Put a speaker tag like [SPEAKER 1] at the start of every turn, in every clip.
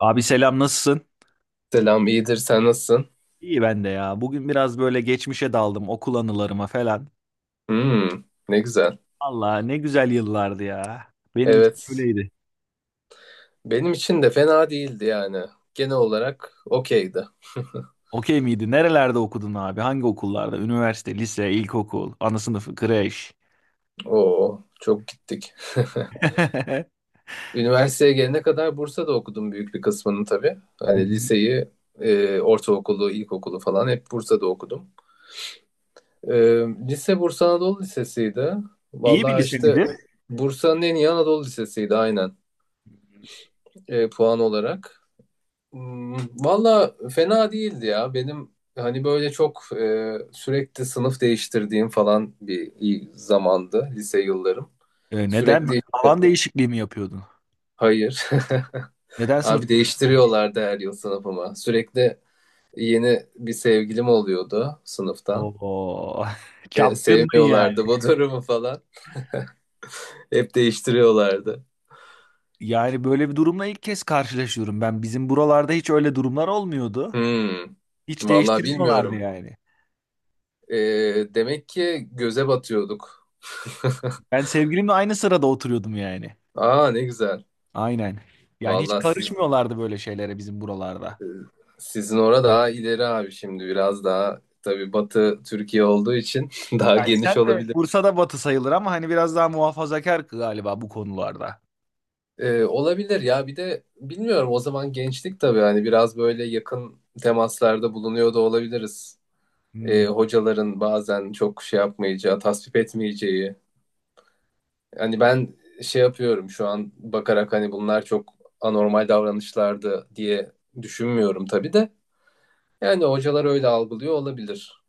[SPEAKER 1] Abi selam nasılsın?
[SPEAKER 2] Selam, iyidir. Sen nasılsın?
[SPEAKER 1] İyi ben de ya. Bugün biraz böyle geçmişe daldım okul anılarıma falan.
[SPEAKER 2] Hmm, Ne güzel.
[SPEAKER 1] Allah ne güzel yıllardı ya. Benim için
[SPEAKER 2] Evet.
[SPEAKER 1] öyleydi.
[SPEAKER 2] Benim için de fena değildi yani. Genel olarak okeydi.
[SPEAKER 1] Okey miydi? Nerelerde okudun abi? Hangi okullarda? Üniversite, lise, ilkokul, ana sınıfı, kreş.
[SPEAKER 2] Oo, çok gittik.
[SPEAKER 1] Hı
[SPEAKER 2] Üniversiteye gelene kadar Bursa'da okudum büyük bir kısmını tabii. Hani
[SPEAKER 1] hı.
[SPEAKER 2] liseyi, ortaokulu, ilkokulu falan hep Bursa'da okudum. E, Lise Bursa Anadolu Lisesi'ydi.
[SPEAKER 1] İyi bir
[SPEAKER 2] Vallahi
[SPEAKER 1] lise
[SPEAKER 2] işte
[SPEAKER 1] miydi?
[SPEAKER 2] Bursa'nın en iyi Anadolu Lisesi'ydi, aynen, puan olarak. Hmm, Valla fena değildi ya. Benim hani böyle çok, sürekli sınıf değiştirdiğim falan bir iyi zamandı lise yıllarım.
[SPEAKER 1] Neden?
[SPEAKER 2] Sürekli
[SPEAKER 1] Alan değişikliği mi yapıyordun?
[SPEAKER 2] hayır.
[SPEAKER 1] Neden sınıf
[SPEAKER 2] Abi
[SPEAKER 1] değiştirdin?
[SPEAKER 2] değiştiriyorlardı her yıl sınıfıma. Sürekli yeni bir sevgilim oluyordu sınıftan.
[SPEAKER 1] Oo,
[SPEAKER 2] Ve
[SPEAKER 1] çapkındın yani.
[SPEAKER 2] sevmiyorlardı bu durumu falan. Hep değiştiriyorlardı.
[SPEAKER 1] Yani böyle bir durumla ilk kez karşılaşıyorum ben. Bizim buralarda hiç öyle durumlar olmuyordu.
[SPEAKER 2] Hmm.
[SPEAKER 1] Hiç
[SPEAKER 2] Valla
[SPEAKER 1] değiştirmiyorlardı
[SPEAKER 2] bilmiyorum.
[SPEAKER 1] yani.
[SPEAKER 2] E, Demek ki göze batıyorduk.
[SPEAKER 1] Ben sevgilimle aynı sırada oturuyordum yani.
[SPEAKER 2] Aa, ne güzel.
[SPEAKER 1] Aynen. Yani hiç
[SPEAKER 2] Vallahi siz,
[SPEAKER 1] karışmıyorlardı böyle şeylere bizim buralarda.
[SPEAKER 2] sizin orada daha ileri abi. Şimdi biraz daha tabii Batı Türkiye olduğu için daha
[SPEAKER 1] Yani
[SPEAKER 2] geniş
[SPEAKER 1] sen de
[SPEAKER 2] olabilir.
[SPEAKER 1] Bursa'da batı sayılır ama hani biraz daha muhafazakar galiba bu konularda.
[SPEAKER 2] Olabilir ya, bir de bilmiyorum, o zaman gençlik tabii, hani biraz böyle yakın temaslarda bulunuyor da olabiliriz.
[SPEAKER 1] Hmm.
[SPEAKER 2] Hocaların bazen çok şey yapmayacağı, tasvip etmeyeceği. Hani ben şey yapıyorum şu an bakarak, hani bunlar çok anormal davranışlardı diye düşünmüyorum tabii de. Yani hocalar öyle algılıyor olabilir.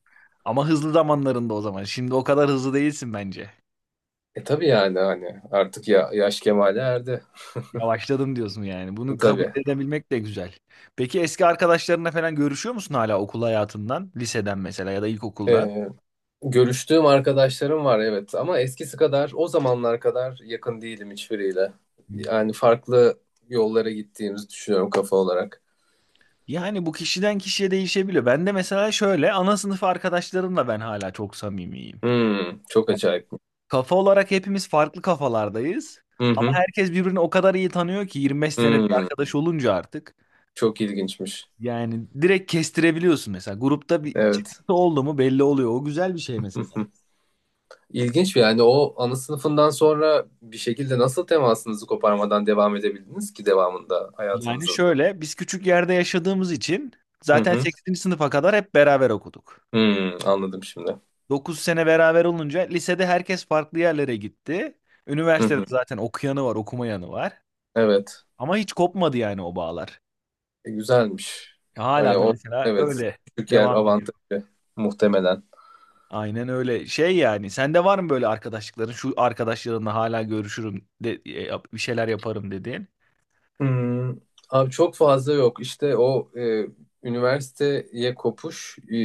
[SPEAKER 1] Ama hızlı zamanlarında o zaman. Şimdi o kadar hızlı değilsin bence.
[SPEAKER 2] Tabii yani, hani artık ya, yaş kemale erdi.
[SPEAKER 1] Yavaşladım diyorsun yani. Bunu kabul
[SPEAKER 2] Tabii.
[SPEAKER 1] edebilmek de güzel. Peki eski arkadaşlarına falan görüşüyor musun hala okul hayatından? Liseden mesela ya da ilkokuldan?
[SPEAKER 2] Ee, Görüştüğüm arkadaşlarım var evet, ama eskisi kadar, o zamanlar kadar yakın değilim hiçbiriyle.
[SPEAKER 1] Hmm.
[SPEAKER 2] Yani farklı yollara gittiğimizi düşünüyorum kafa olarak.
[SPEAKER 1] Yani bu kişiden kişiye değişebiliyor. Ben de mesela şöyle ana sınıf arkadaşlarımla ben hala çok samimiyim.
[SPEAKER 2] Çok acayip.
[SPEAKER 1] Kafa olarak hepimiz farklı kafalardayız.
[SPEAKER 2] Hı
[SPEAKER 1] Ama
[SPEAKER 2] hı.
[SPEAKER 1] herkes birbirini o kadar iyi tanıyor ki 25 senedir
[SPEAKER 2] Hmm,
[SPEAKER 1] arkadaş olunca artık.
[SPEAKER 2] Çok ilginçmiş.
[SPEAKER 1] Yani direkt kestirebiliyorsun mesela. Grupta bir
[SPEAKER 2] Evet.
[SPEAKER 1] çıkıntı oldu mu belli oluyor. O güzel bir şey
[SPEAKER 2] Hı
[SPEAKER 1] mesela.
[SPEAKER 2] hı. İlginç bir yani, o ana sınıfından sonra bir şekilde nasıl temasınızı koparmadan devam edebildiniz ki devamında
[SPEAKER 1] Yani
[SPEAKER 2] hayatınızın?
[SPEAKER 1] şöyle biz küçük yerde yaşadığımız için
[SPEAKER 2] Hı
[SPEAKER 1] zaten
[SPEAKER 2] hı.
[SPEAKER 1] 8. sınıfa kadar hep beraber okuduk.
[SPEAKER 2] Anladım şimdi.
[SPEAKER 1] 9 sene beraber olunca lisede herkes farklı yerlere gitti.
[SPEAKER 2] Hı
[SPEAKER 1] Üniversitede
[SPEAKER 2] hı.
[SPEAKER 1] zaten okuyanı var, okumayanı var.
[SPEAKER 2] Evet.
[SPEAKER 1] Ama hiç kopmadı yani o bağlar.
[SPEAKER 2] Güzelmiş.
[SPEAKER 1] Hala
[SPEAKER 2] Hani
[SPEAKER 1] da
[SPEAKER 2] o,
[SPEAKER 1] mesela
[SPEAKER 2] evet,
[SPEAKER 1] öyle
[SPEAKER 2] küçük yer
[SPEAKER 1] devam ediyor.
[SPEAKER 2] avantajı muhtemelen.
[SPEAKER 1] Aynen öyle. Şey yani sende var mı böyle arkadaşlıkların şu arkadaşlarınla hala görüşürüm de, bir şeyler yaparım dediğin?
[SPEAKER 2] Hmm, Abi çok fazla yok. İşte o, üniversiteye kopuş.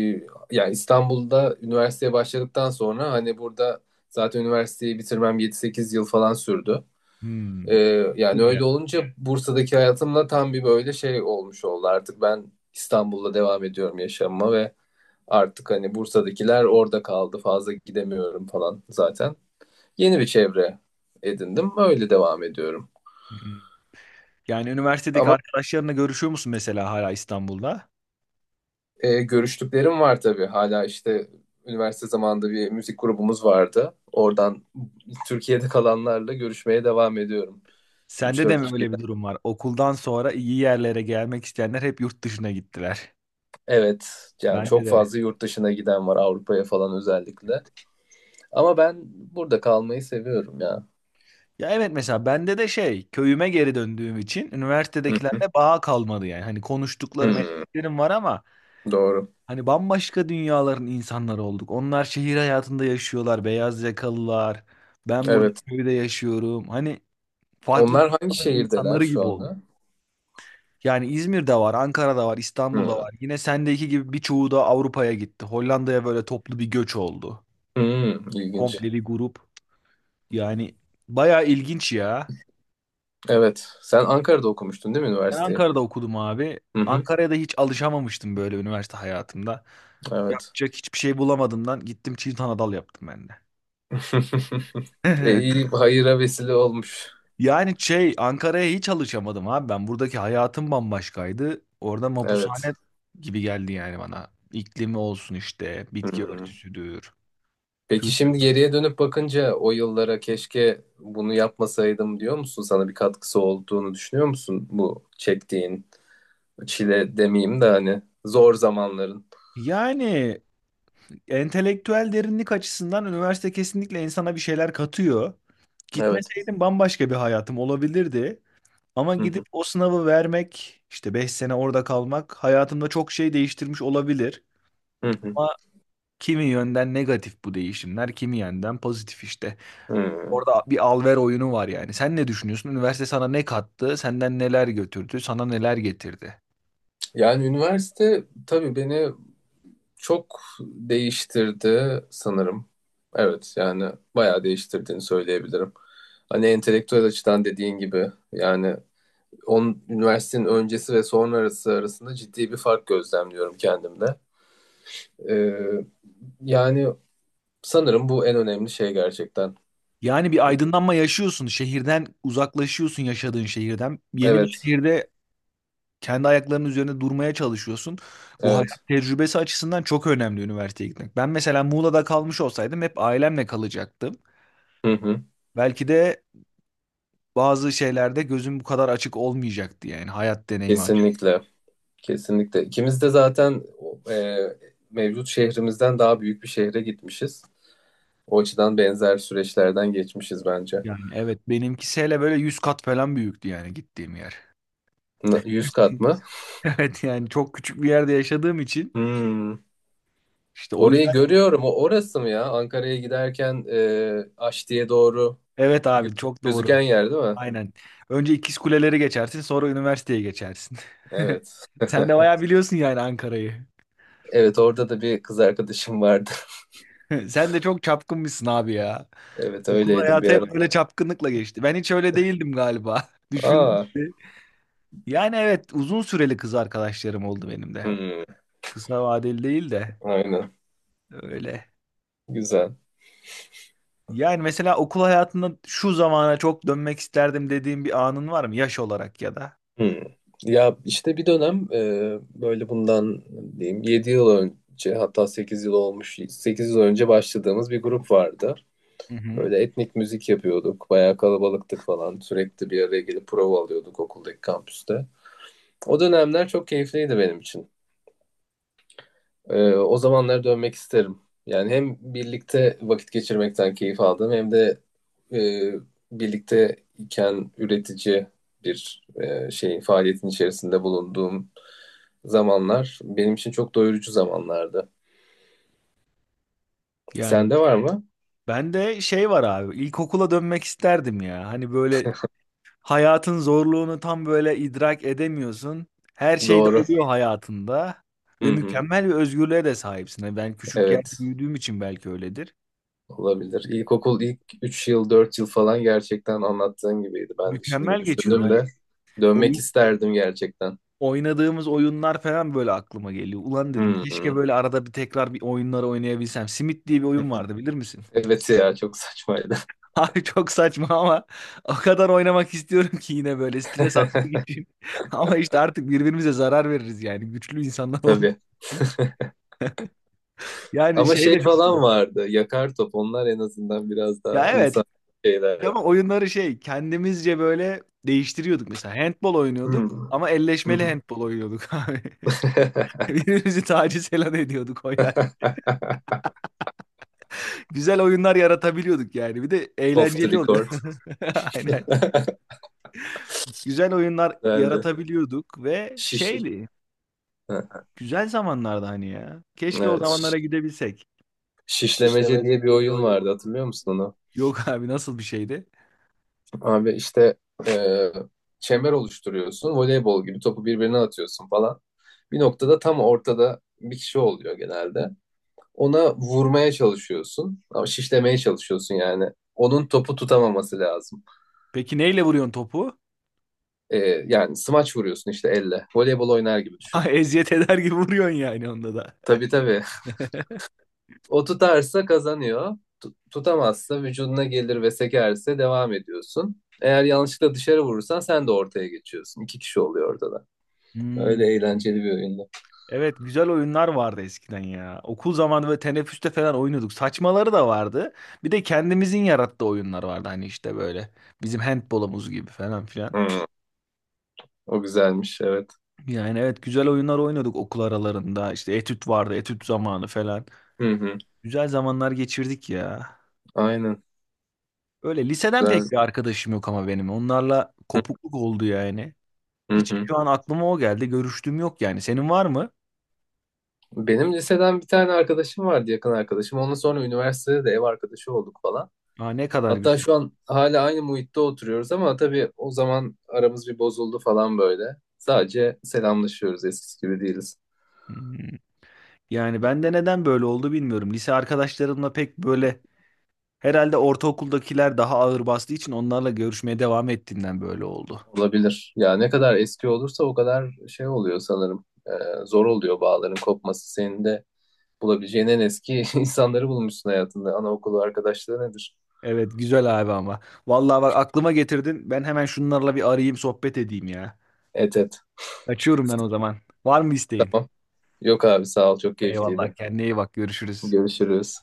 [SPEAKER 2] Yani İstanbul'da üniversiteye başladıktan sonra, hani burada zaten üniversiteyi bitirmem 7-8 yıl falan sürdü.
[SPEAKER 1] Hmm.
[SPEAKER 2] E, Yani
[SPEAKER 1] Bayağı.
[SPEAKER 2] öyle olunca Bursa'daki hayatımla tam bir böyle şey olmuş oldu. Artık ben İstanbul'da devam ediyorum yaşamıma ve artık hani Bursa'dakiler orada kaldı. Fazla gidemiyorum falan zaten. Yeni bir çevre edindim. Öyle devam ediyorum.
[SPEAKER 1] Hmm. Yani üniversitedeki
[SPEAKER 2] Ama
[SPEAKER 1] arkadaşlarınla görüşüyor musun mesela hala İstanbul'da?
[SPEAKER 2] görüştüklerim var tabii. Hala işte üniversite zamanında bir müzik grubumuz vardı. Oradan Türkiye'de kalanlarla görüşmeye devam ediyorum. üç
[SPEAKER 1] Sende de
[SPEAKER 2] dört
[SPEAKER 1] mi öyle bir
[SPEAKER 2] kişiden.
[SPEAKER 1] durum var? Okuldan sonra iyi yerlere gelmek isteyenler hep yurt dışına gittiler.
[SPEAKER 2] Evet. Yani
[SPEAKER 1] Bende
[SPEAKER 2] çok
[SPEAKER 1] de.
[SPEAKER 2] fazla yurt dışına giden var, Avrupa'ya falan özellikle. Ama ben burada kalmayı seviyorum ya.
[SPEAKER 1] Ya evet mesela bende de şey köyüme geri döndüğüm için
[SPEAKER 2] Hı.
[SPEAKER 1] üniversitedekilerle bağ kalmadı yani. Hani konuştuklarım
[SPEAKER 2] Hı.
[SPEAKER 1] ettiklerim var ama
[SPEAKER 2] Doğru.
[SPEAKER 1] hani bambaşka dünyaların insanları olduk. Onlar şehir hayatında yaşıyorlar, beyaz yakalılar. Ben burada
[SPEAKER 2] Evet.
[SPEAKER 1] köyde yaşıyorum. Hani farklı
[SPEAKER 2] Onlar hangi
[SPEAKER 1] dünyaların
[SPEAKER 2] şehirdeler
[SPEAKER 1] insanları
[SPEAKER 2] şu
[SPEAKER 1] gibi
[SPEAKER 2] anda?
[SPEAKER 1] olduk. Yani İzmir'de var, Ankara'da var, İstanbul'da
[SPEAKER 2] Hı.
[SPEAKER 1] var. Yine sendeki gibi birçoğu da Avrupa'ya gitti. Hollanda'ya böyle toplu bir göç oldu.
[SPEAKER 2] Hı. İlginç.
[SPEAKER 1] Komple bir grup. Yani bayağı ilginç ya.
[SPEAKER 2] Evet. Sen Ankara'da okumuştun değil mi
[SPEAKER 1] Ben
[SPEAKER 2] üniversiteyi?
[SPEAKER 1] Ankara'da okudum abi.
[SPEAKER 2] Hı hı.
[SPEAKER 1] Ankara'ya da hiç alışamamıştım böyle üniversite hayatımda.
[SPEAKER 2] Evet.
[SPEAKER 1] Yapacak hiçbir şey bulamadığımdan gittim çift anadal yaptım ben de.
[SPEAKER 2] İyi hayıra vesile olmuş.
[SPEAKER 1] Yani şey Ankara'ya hiç alışamadım abi. Ben buradaki hayatım bambaşkaydı. Orada
[SPEAKER 2] Evet.
[SPEAKER 1] mapushane gibi geldi yani bana. İklimi olsun işte,
[SPEAKER 2] Hı
[SPEAKER 1] bitki
[SPEAKER 2] hı.
[SPEAKER 1] örtüsüdür,
[SPEAKER 2] Peki
[SPEAKER 1] kültür.
[SPEAKER 2] şimdi geriye dönüp bakınca o yıllara, keşke bunu yapmasaydım diyor musun? Sana bir katkısı olduğunu düşünüyor musun bu çektiğin çile demeyeyim de hani zor zamanların?
[SPEAKER 1] Yani entelektüel derinlik açısından üniversite kesinlikle insana bir şeyler katıyor.
[SPEAKER 2] Evet.
[SPEAKER 1] Gitmeseydim bambaşka bir hayatım olabilirdi. Ama
[SPEAKER 2] Hı
[SPEAKER 1] gidip
[SPEAKER 2] hı.
[SPEAKER 1] o sınavı vermek, işte 5 sene orada kalmak hayatımda çok şey değiştirmiş olabilir.
[SPEAKER 2] Hı hı.
[SPEAKER 1] Ama kimi yönden negatif bu değişimler, kimi yönden pozitif işte.
[SPEAKER 2] Hı.
[SPEAKER 1] Orada bir al-ver oyunu var yani. Sen ne düşünüyorsun? Üniversite sana ne kattı? Senden neler götürdü? Sana neler getirdi?
[SPEAKER 2] Yani üniversite tabii beni çok değiştirdi sanırım. Evet, yani bayağı değiştirdiğini söyleyebilirim. Hani entelektüel açıdan dediğin gibi yani, üniversitenin öncesi ve sonrası arasında ciddi bir fark gözlemliyorum kendimde. Ee, Yani sanırım bu en önemli şey gerçekten.
[SPEAKER 1] Yani bir aydınlanma yaşıyorsun. Şehirden uzaklaşıyorsun yaşadığın şehirden. Yeni bir
[SPEAKER 2] Evet,
[SPEAKER 1] şehirde kendi ayaklarının üzerinde durmaya çalışıyorsun. Bu
[SPEAKER 2] evet.
[SPEAKER 1] hayat tecrübesi açısından çok önemli üniversiteye gitmek. Ben mesela Muğla'da kalmış olsaydım hep ailemle kalacaktım.
[SPEAKER 2] Hı hı.
[SPEAKER 1] Belki de bazı şeylerde gözüm bu kadar açık olmayacaktı yani hayat deneyimi açık.
[SPEAKER 2] Kesinlikle, kesinlikle. İkimiz de zaten, e, mevcut şehrimizden daha büyük bir şehre gitmişiz. O açıdan benzer süreçlerden geçmişiz bence.
[SPEAKER 1] Yani evet benimkisi hele böyle 100 kat falan büyüktü yani gittiğim yer.
[SPEAKER 2] 100 kat mı?
[SPEAKER 1] Evet yani çok küçük bir yerde yaşadığım için
[SPEAKER 2] Hmm.
[SPEAKER 1] işte o
[SPEAKER 2] Orayı
[SPEAKER 1] yüzden
[SPEAKER 2] görüyorum. O orası mı ya? Ankara'ya giderken, Aşti'ye doğru
[SPEAKER 1] evet
[SPEAKER 2] gö-
[SPEAKER 1] abi çok doğru.
[SPEAKER 2] gözüken yer değil mi?
[SPEAKER 1] Aynen. Önce İkiz Kuleleri geçersin sonra üniversiteye geçersin.
[SPEAKER 2] Evet.
[SPEAKER 1] Sen de bayağı biliyorsun yani Ankara'yı.
[SPEAKER 2] Evet, orada da bir kız arkadaşım vardı.
[SPEAKER 1] Sen de çok çapkınmışsın abi ya.
[SPEAKER 2] Evet,
[SPEAKER 1] Okul
[SPEAKER 2] öyleydim bir
[SPEAKER 1] hayatı hep
[SPEAKER 2] ara.
[SPEAKER 1] böyle çapkınlıkla geçti. Ben hiç öyle değildim galiba. Düşün.
[SPEAKER 2] Aa,
[SPEAKER 1] Yani evet uzun süreli kız arkadaşlarım oldu benim de hep.
[SPEAKER 2] hmm,
[SPEAKER 1] Kısa vadeli değil de
[SPEAKER 2] aynen.
[SPEAKER 1] öyle.
[SPEAKER 2] Güzel.
[SPEAKER 1] Yani mesela okul hayatında şu zamana çok dönmek isterdim dediğim bir anın var mı yaş olarak ya da?
[SPEAKER 2] Hmm. Ya işte bir dönem, böyle bundan diyeyim 7 yıl önce, hatta 8 yıl olmuş, 8 yıl önce başladığımız bir grup vardı.
[SPEAKER 1] Hı hı.
[SPEAKER 2] Böyle etnik müzik yapıyorduk. Bayağı kalabalıktık falan. Sürekli bir araya gelip prova alıyorduk okuldaki kampüste. O dönemler çok keyifliydi benim için. O zamanlara dönmek isterim. Yani hem birlikte vakit geçirmekten keyif aldım, hem de e, birlikte iken üretici bir şey faaliyetin içerisinde bulunduğum zamanlar benim için çok doyurucu zamanlardı.
[SPEAKER 1] Yani
[SPEAKER 2] Sende var mı?
[SPEAKER 1] ben de şey var abi ilkokula dönmek isterdim ya. Hani böyle hayatın zorluğunu tam böyle idrak edemiyorsun. Her şey de
[SPEAKER 2] Doğru.
[SPEAKER 1] oluyor hayatında
[SPEAKER 2] Hı
[SPEAKER 1] ve
[SPEAKER 2] hı.
[SPEAKER 1] mükemmel bir özgürlüğe de sahipsin. Hani ben küçük yerde
[SPEAKER 2] Evet,
[SPEAKER 1] büyüdüğüm için belki öyledir.
[SPEAKER 2] olabilir. İlkokul ilk 3 yıl, 4 yıl falan gerçekten anlattığın gibiydi. Ben de
[SPEAKER 1] Mükemmel
[SPEAKER 2] şimdi
[SPEAKER 1] geçiyordu.
[SPEAKER 2] düşündüm de dönmek
[SPEAKER 1] Hani
[SPEAKER 2] isterdim gerçekten.
[SPEAKER 1] oynadığımız oyunlar falan böyle aklıma geliyor. Ulan dedim
[SPEAKER 2] Hı
[SPEAKER 1] keşke
[SPEAKER 2] hı.
[SPEAKER 1] böyle arada bir tekrar bir oyunları oynayabilsem. Simit diye bir oyun vardı bilir misin?
[SPEAKER 2] Evet ya, çok saçmaydı.
[SPEAKER 1] Abi çok saçma ama o kadar oynamak istiyorum ki yine böyle stres atmak için. Ama işte artık birbirimize zarar veririz yani güçlü insanlar olduğumuz
[SPEAKER 2] Tabii.
[SPEAKER 1] için. Yani
[SPEAKER 2] Ama
[SPEAKER 1] şey
[SPEAKER 2] şey
[SPEAKER 1] de çok iyi.
[SPEAKER 2] falan vardı. Yakar top. Onlar en azından biraz daha
[SPEAKER 1] Ya evet
[SPEAKER 2] insan
[SPEAKER 1] ama
[SPEAKER 2] şeylerdi.
[SPEAKER 1] oyunları şey kendimizce böyle değiştiriyorduk mesela. Handball oynuyorduk
[SPEAKER 2] Hmm.
[SPEAKER 1] ama elleşmeli handball oynuyorduk abi. Birbirimizi taciz falan ediyorduk oynarken. Güzel oyunlar yaratabiliyorduk yani. Bir de
[SPEAKER 2] Off the
[SPEAKER 1] eğlenceli oluyor.
[SPEAKER 2] record.
[SPEAKER 1] Aynen. Güzel oyunlar
[SPEAKER 2] Güzeldi.
[SPEAKER 1] yaratabiliyorduk ve
[SPEAKER 2] Şiş.
[SPEAKER 1] şeydi.
[SPEAKER 2] Ha,
[SPEAKER 1] Güzel zamanlardı hani ya. Keşke o, evet,
[SPEAKER 2] evet.
[SPEAKER 1] zamanlara gidebilsek.
[SPEAKER 2] Şişlemece
[SPEAKER 1] Şişlemece
[SPEAKER 2] diye bir
[SPEAKER 1] diye bir
[SPEAKER 2] oyun
[SPEAKER 1] oyun var.
[SPEAKER 2] vardı. Hatırlıyor musun onu?
[SPEAKER 1] Yok abi nasıl bir şeydi?
[SPEAKER 2] Abi işte e, çember oluşturuyorsun. Voleybol gibi topu birbirine atıyorsun falan. Bir noktada tam ortada bir kişi oluyor genelde. Ona vurmaya çalışıyorsun. Ama şişlemeye çalışıyorsun yani. Onun topu tutamaması lazım.
[SPEAKER 1] Peki neyle vuruyorsun topu?
[SPEAKER 2] Ee, Yani smaç vuruyorsun işte elle. Voleybol oynar gibi
[SPEAKER 1] Ha,
[SPEAKER 2] düşün.
[SPEAKER 1] eziyet eder gibi vuruyorsun yani onda da.
[SPEAKER 2] Tabii, tabii. O tutarsa kazanıyor. Tutamazsa vücuduna gelir ve sekerse devam ediyorsun. Eğer yanlışlıkla dışarı vurursan sen de ortaya geçiyorsun. 2 kişi oluyor orada da.
[SPEAKER 1] Hmm.
[SPEAKER 2] Öyle eğlenceli bir oyundu.
[SPEAKER 1] Evet güzel oyunlar vardı eskiden ya. Okul zamanı böyle teneffüste falan oynuyorduk. Saçmaları da vardı. Bir de kendimizin yarattığı oyunlar vardı hani işte böyle. Bizim handbolumuz gibi falan filan.
[SPEAKER 2] Hı, o güzelmiş evet.
[SPEAKER 1] Yani evet güzel oyunlar oynuyorduk okul aralarında. İşte etüt vardı, etüt zamanı falan.
[SPEAKER 2] Hı hı.
[SPEAKER 1] Güzel zamanlar geçirdik ya.
[SPEAKER 2] Aynen,
[SPEAKER 1] Öyle liseden
[SPEAKER 2] güzel.
[SPEAKER 1] pek bir arkadaşım yok ama benim. Onlarla kopukluk oldu yani.
[SPEAKER 2] Hı
[SPEAKER 1] Hiç
[SPEAKER 2] hı.
[SPEAKER 1] şu an aklıma o geldi. Görüştüğüm yok yani. Senin var mı?
[SPEAKER 2] Benim liseden bir tane arkadaşım vardı, yakın arkadaşım. Ondan sonra üniversitede de ev arkadaşı olduk falan.
[SPEAKER 1] Aa, ne kadar
[SPEAKER 2] Hatta
[SPEAKER 1] güzel.
[SPEAKER 2] şu an hala aynı muhitte oturuyoruz ama tabii o zaman aramız bir bozuldu falan böyle. Sadece selamlaşıyoruz, eskisi gibi değiliz.
[SPEAKER 1] Hmm. Yani ben de neden böyle oldu bilmiyorum. Lise arkadaşlarımla pek böyle herhalde ortaokuldakiler daha ağır bastığı için onlarla görüşmeye devam ettiğimden böyle oldu.
[SPEAKER 2] Olabilir. Ya ne kadar eski olursa o kadar şey oluyor sanırım. Zor oluyor bağların kopması. Senin de bulabileceğin en eski insanları bulmuşsun hayatında. Anaokulu arkadaşlığı nedir?
[SPEAKER 1] Evet güzel abi ama. Vallahi bak aklıma getirdin. Ben hemen şunlarla bir arayayım sohbet edeyim ya.
[SPEAKER 2] Et et.
[SPEAKER 1] Kaçıyorum ben o zaman. Var mı isteğin?
[SPEAKER 2] Tamam. Yok abi, sağ ol, çok
[SPEAKER 1] Eyvallah
[SPEAKER 2] keyifliydi.
[SPEAKER 1] kendine iyi bak görüşürüz.
[SPEAKER 2] Görüşürüz.